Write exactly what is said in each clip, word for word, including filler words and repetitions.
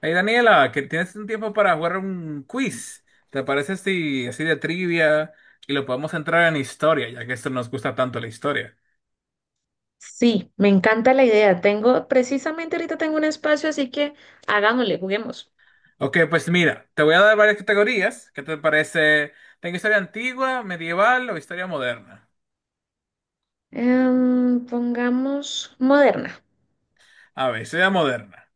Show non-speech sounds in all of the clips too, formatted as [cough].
Hey Daniela, que tienes un tiempo para jugar un quiz. ¿Te parece si así de trivia y lo podemos entrar en historia, ya que esto nos gusta tanto la historia? Sí, me encanta la idea. Tengo, precisamente ahorita tengo un espacio, así que hagámosle, juguemos. Ok, pues mira, te voy a dar varias categorías. ¿Qué te parece? Tengo historia antigua, medieval o historia moderna. Em, pongamos moderna. A ver, historia moderna.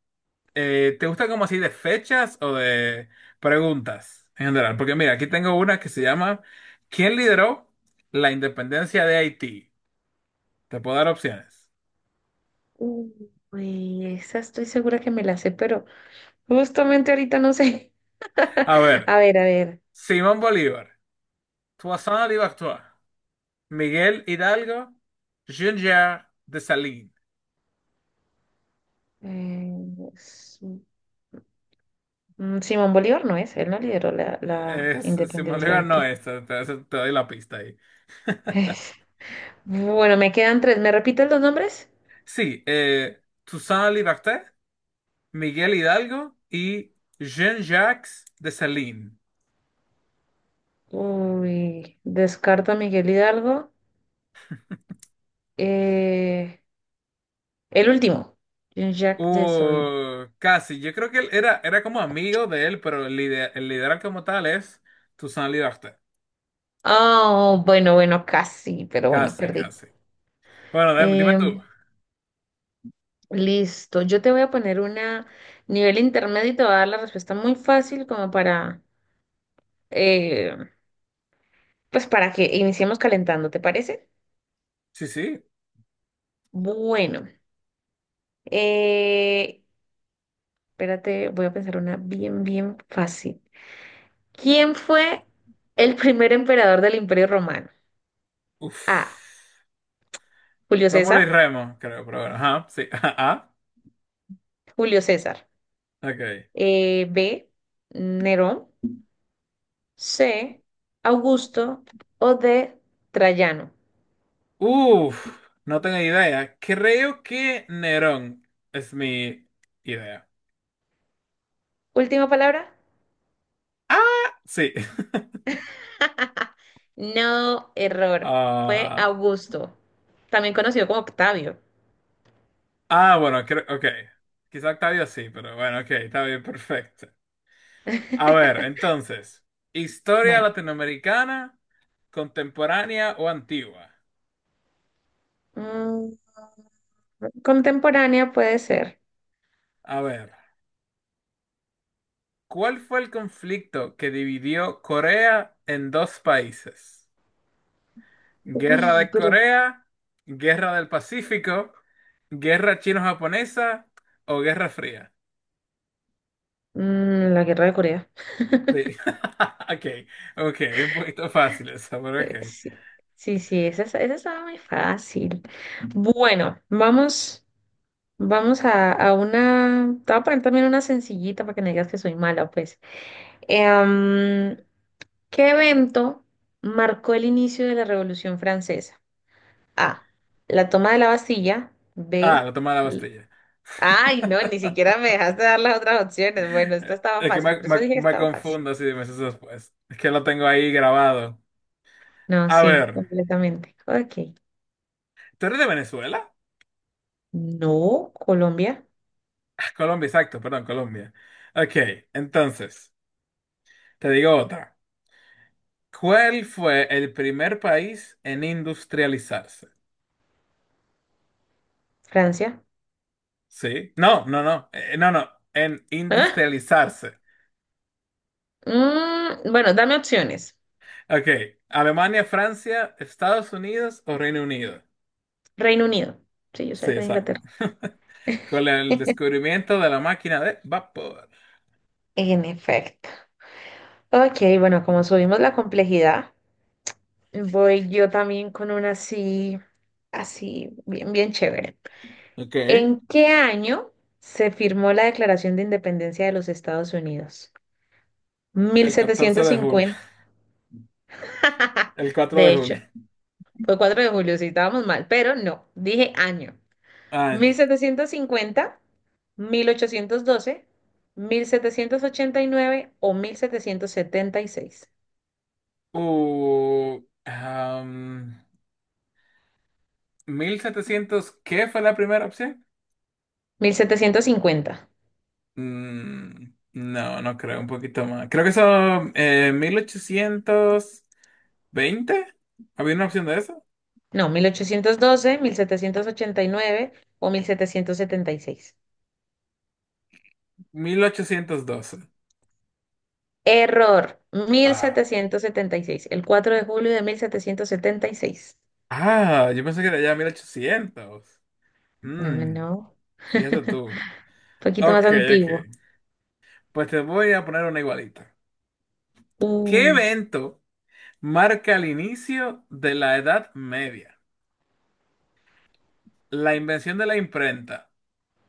Eh, ¿te gusta como así de fechas o de preguntas en general? Porque mira, aquí tengo una que se llama ¿Quién lideró la independencia de Haití? Te puedo dar opciones. Uy, esa estoy segura que me la sé, pero justamente ahorita no sé. A [laughs] ver, A ver, a ver. Simón Bolívar. Toussaint Louverture, Miguel Hidalgo, Junior de Salín. eh, es- mm, Simón Bolívar no es, él no lideró la, la Eh, Simón independencia de Bolívar no Haití. es, te, te- te doy la pista ahí. Es- [laughs] Bueno, me quedan tres. ¿Me repites los nombres? Sí, eh, Toussaint Louverture, Miguel Hidalgo y Jean-Jacques Dessalines. Uy, descarto a Miguel Hidalgo. Eh, El último. Jean-Jacques Dessalines. Uh, casi, yo creo que él era, era como amigo de él, pero el, lider- el liderazgo como tal es Toussaint Louverture. Oh, bueno, bueno, casi, pero bueno, Casi, perdí. casi. Bueno, dime, dime tú. Em, listo, yo te voy a poner una nivel intermedio y te voy a dar la respuesta muy fácil como para, eh, pues para que iniciemos calentando, ¿te parece? Sí, sí. Bueno, eh, espérate, voy a pensar una bien, bien fácil. ¿Quién fue el primer emperador del Imperio Romano? Uf. A. Julio Rómulo y César. Remo, creo, pero bueno, ajá, sí, [laughs] ajá, Julio César. ok. Eh, B. Nerón. C, Augusto o D, Trayano. Uf, no tengo idea. Creo que Nerón es mi idea. Última palabra. Ah, sí. [laughs] No, error. Fue Ah, Augusto, también conocido como Octavio. ah, bueno, creo, ok. Quizá Octavio sí, pero bueno, ok, está bien, perfecto. A ver, entonces, historia Bueno, latinoamericana, contemporánea o antigua. mm, contemporánea puede ser. A ver, ¿cuál fue el conflicto que dividió Corea en dos países? Guerra Uy, de pero Corea, Guerra del Pacífico, Guerra Chino-Japonesa o Guerra Fría. mm, la guerra de Corea. Sí. [laughs] Ok, ok, un poquito fácil eso, pero Eh, ok. sí, sí, sí, esa, es- esa estaba muy fácil. Bueno, vamos, vamos a, a una. Te voy a poner también una sencillita para que no digas que soy mala, pues. Em, ¿Qué evento marcó el inicio de la Revolución Francesa? A. La toma de la Bastilla. Ah, B. la toma de la l- Bastilla. Ay, no, ni siquiera me [laughs] dejaste dar las otras opciones. Bueno, esta estaba Es que fácil, me, por eso me- dije que me estaba fácil. confundo si meses después. Es que lo tengo ahí grabado. No, A sí, ver, completamente. Ok. ¿tú eres de Venezuela? No, Colombia, Ah, Colombia, exacto, perdón, Colombia. Ok, entonces, te digo otra. ¿Cuál fue el primer país en industrializarse? Francia. Sí. No, no, no. Eh, no, no. En ¿Ah? industrializarse. Mm, bueno, dame opciones. Ok. Alemania, Francia, Estados Unidos o Reino Unido. Reino Unido. Sí, yo Sí, sabía que era exacto. Inglaterra. [laughs] Con el [laughs] descubrimiento de la máquina de vapor. En efecto. Ok, bueno, como subimos la complejidad. Voy yo también con una así, así, bien, bien chévere. Ok. ¿En qué año se firmó la Declaración de Independencia de los Estados Unidos? Mil El catorce setecientos de julio. cincuenta. [laughs] [laughs] El cuatro de De hecho, julio. fue cuatro de julio, si estábamos mal, pero no, dije año. mil mil mil Año. setecientos setecientos cincuenta, mil ochocientos doce, mil setecientos ochenta y nueve o mil mil setecientos setenta y seis. Uh, am, Mil setecientos. ¿Qué fue la primera opción? Mil setecientos cincuenta. Mm, no, no creo. Un poquito más. Creo que son eh, mil ochocientos veinte. ¿Había una opción de eso? No, mil mil ochocientos doce, mil setecientos ochenta y nueve o mil setecientos setenta y seis. Mil ochocientos doce. Error, mil Ah, setecientos setenta y seis. el cuatro de julio de mil setecientos setenta y seis. ah, yo pensé que era ya mil ochocientos. No, no, Mm, no. Fíjate [laughs] tú. Un poquito más Ok, ok. antiguo. Pues te voy a poner una igualita. ¿Qué Uh, evento marca el inicio de la Edad Media? La invención de la imprenta,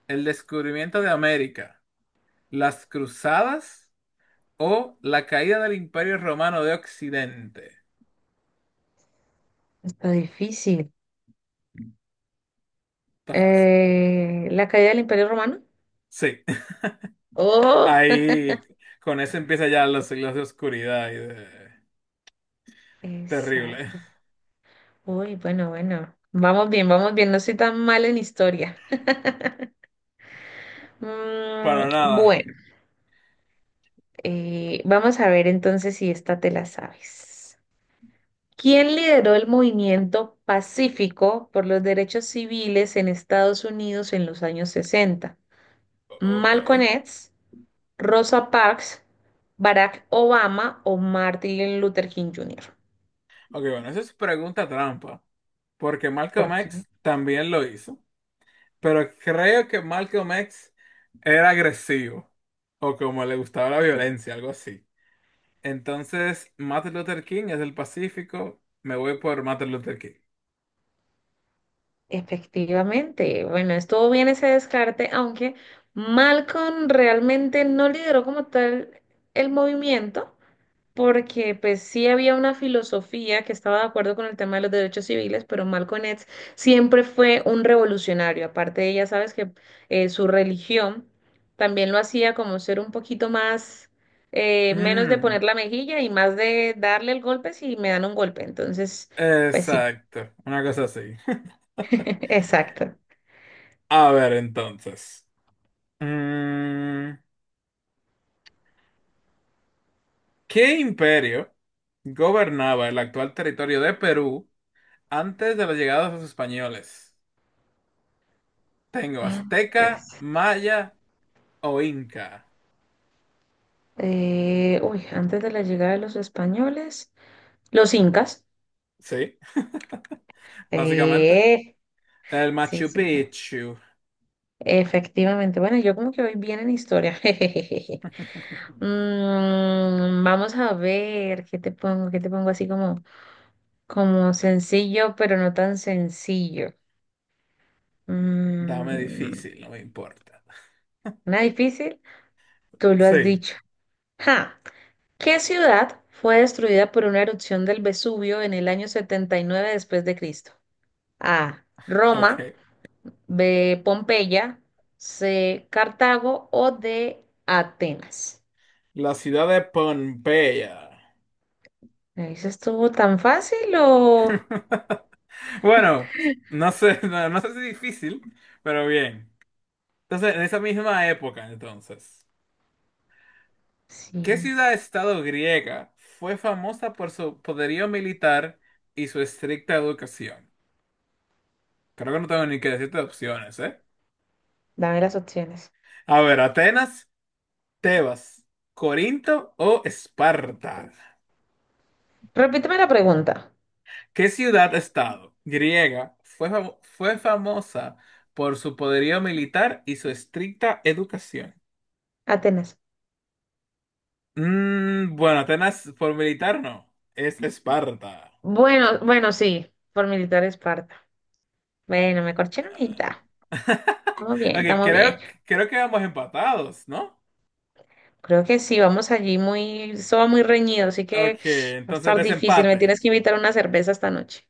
el descubrimiento de América, las cruzadas o la caída del Imperio Romano de Occidente. está difícil. Está fácil. Eh, la caída del Imperio Romano. Sí, [laughs] Oh, ahí con eso empieza ya los siglos de oscuridad y de. [laughs] Terrible. exacto. Uy, bueno, bueno. Vamos bien, vamos bien. No soy tan mal en historia. Para Mm, nada. bueno, eh, vamos a ver entonces si esta te la sabes. ¿Quién lideró el movimiento pacífico por los derechos civiles en Estados Unidos en los años sesenta? O- Ok. ¿Malcolm X, Rosa Parks, Barack Obama o Martin Luther King junior? Ok, bueno, eso es pregunta trampa. Porque Malcolm Porque X también lo hizo. Pero creo que Malcolm X era agresivo. O como le gustaba la violencia, algo así. Entonces, Martin Luther King es del Pacífico. Me voy por Martin Luther King. efectivamente, bueno, estuvo bien ese descarte, aunque Malcolm realmente no lideró como tal el movimiento, porque pues sí había una filosofía que estaba de acuerdo con el tema de los derechos civiles, pero Malcolm X siempre fue un revolucionario. Aparte de ella, sabes que eh, su religión también lo hacía como ser un poquito más, eh, menos de Mm, poner la mejilla y más de darle el golpe si me dan un golpe. Entonces, pues sí, exacto. Una cosa así. [laughs] [laughs] exacto. A ver, entonces. Mm, ¿qué imperio gobernaba el actual territorio de Perú? Antes de la llegada de los españoles, tengo Antes, azteca, maya o inca. eh, uy, antes de la llegada de los españoles, los incas. Sí, [laughs] básicamente. Eh, El sí, Machu sí. Picchu. Efectivamente, bueno, yo como que voy bien en historia. [laughs] jejejeje. Mm, vamos a ver qué te pongo, qué te pongo así como, como sencillo, pero no tan sencillo. Dame Mm, difícil, no me importa. una difícil, tú lo has Sí, dicho. Ja, ¿qué ciudad fue destruida por una erupción del Vesubio en el año setenta y nueve después de Cristo? A. Roma, ok. B. Pompeya, C. Cartago o D. Atenas. La ciudad de Pompeya. ¿Me dices estuvo tan fácil o...? [laughs] Bueno, no sé, no, no sé si difícil, pero bien. Entonces, en esa misma época, entonces, ¿qué Sí, ciudad-estado griega fue famosa por su poderío militar y su estricta educación? Creo que no tengo ni que decirte opciones, ¿eh? dame las opciones. A ver, Atenas, Tebas, Corinto o Esparta. Repíteme la pregunta. ¿Qué ciudad-estado griega fue, famo- fue famosa por su poderío militar y su estricta educación? Atenas. Mm, bueno, Atenas por militar no, es Esparta. Bueno, bueno, sí, por militar Esparta. Bueno, me corché en Ah. unita. [laughs] Estamos bien, Ok, estamos bien. creo, creo que vamos empatados, ¿no? Creo que sí, vamos allí muy... Eso va muy reñido, así que Ok, va a entonces estar difícil. Me desempate. tienes que invitar una cerveza esta noche.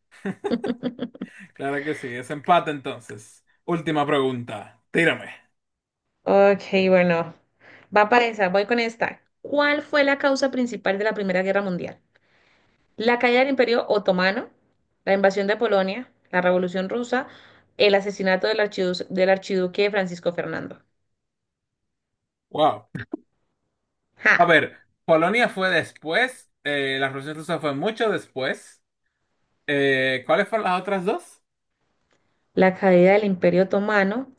Claro que sí, desempate entonces. Última pregunta, tírame. Ok, bueno. Va para esa, voy con esta. ¿Cuál fue la causa principal de la Primera Guerra Mundial? La caída del Imperio Otomano, la invasión de Polonia, la Revolución Rusa, el asesinato del archidu- del archiduque Francisco Fernando. Wow. A ¡Ja! ver, Polonia fue después, eh, la Revolución Rusa fue mucho después. Eh, ¿cuáles fueron las otras dos? La caída del Imperio Otomano,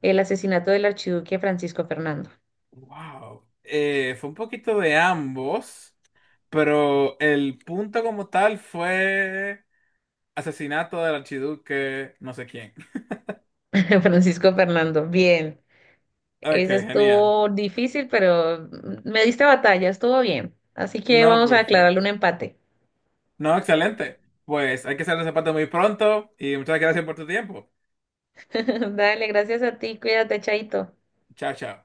el asesinato del archiduque Francisco Fernando. Wow. Eh, fue un poquito de ambos, pero el punto como tal fue asesinato del archiduque no sé quién. [laughs] [laughs] Francisco Fernando, bien. Ok, Ese genial. estuvo difícil, pero me diste batalla, estuvo bien. Así que No, vamos a declararle un perfecto. empate. No, excelente. Pues hay que hacer el zapato muy pronto y muchas gracias por tu tiempo. [laughs] Dale, gracias a ti, cuídate, Chaito. Chao, chao.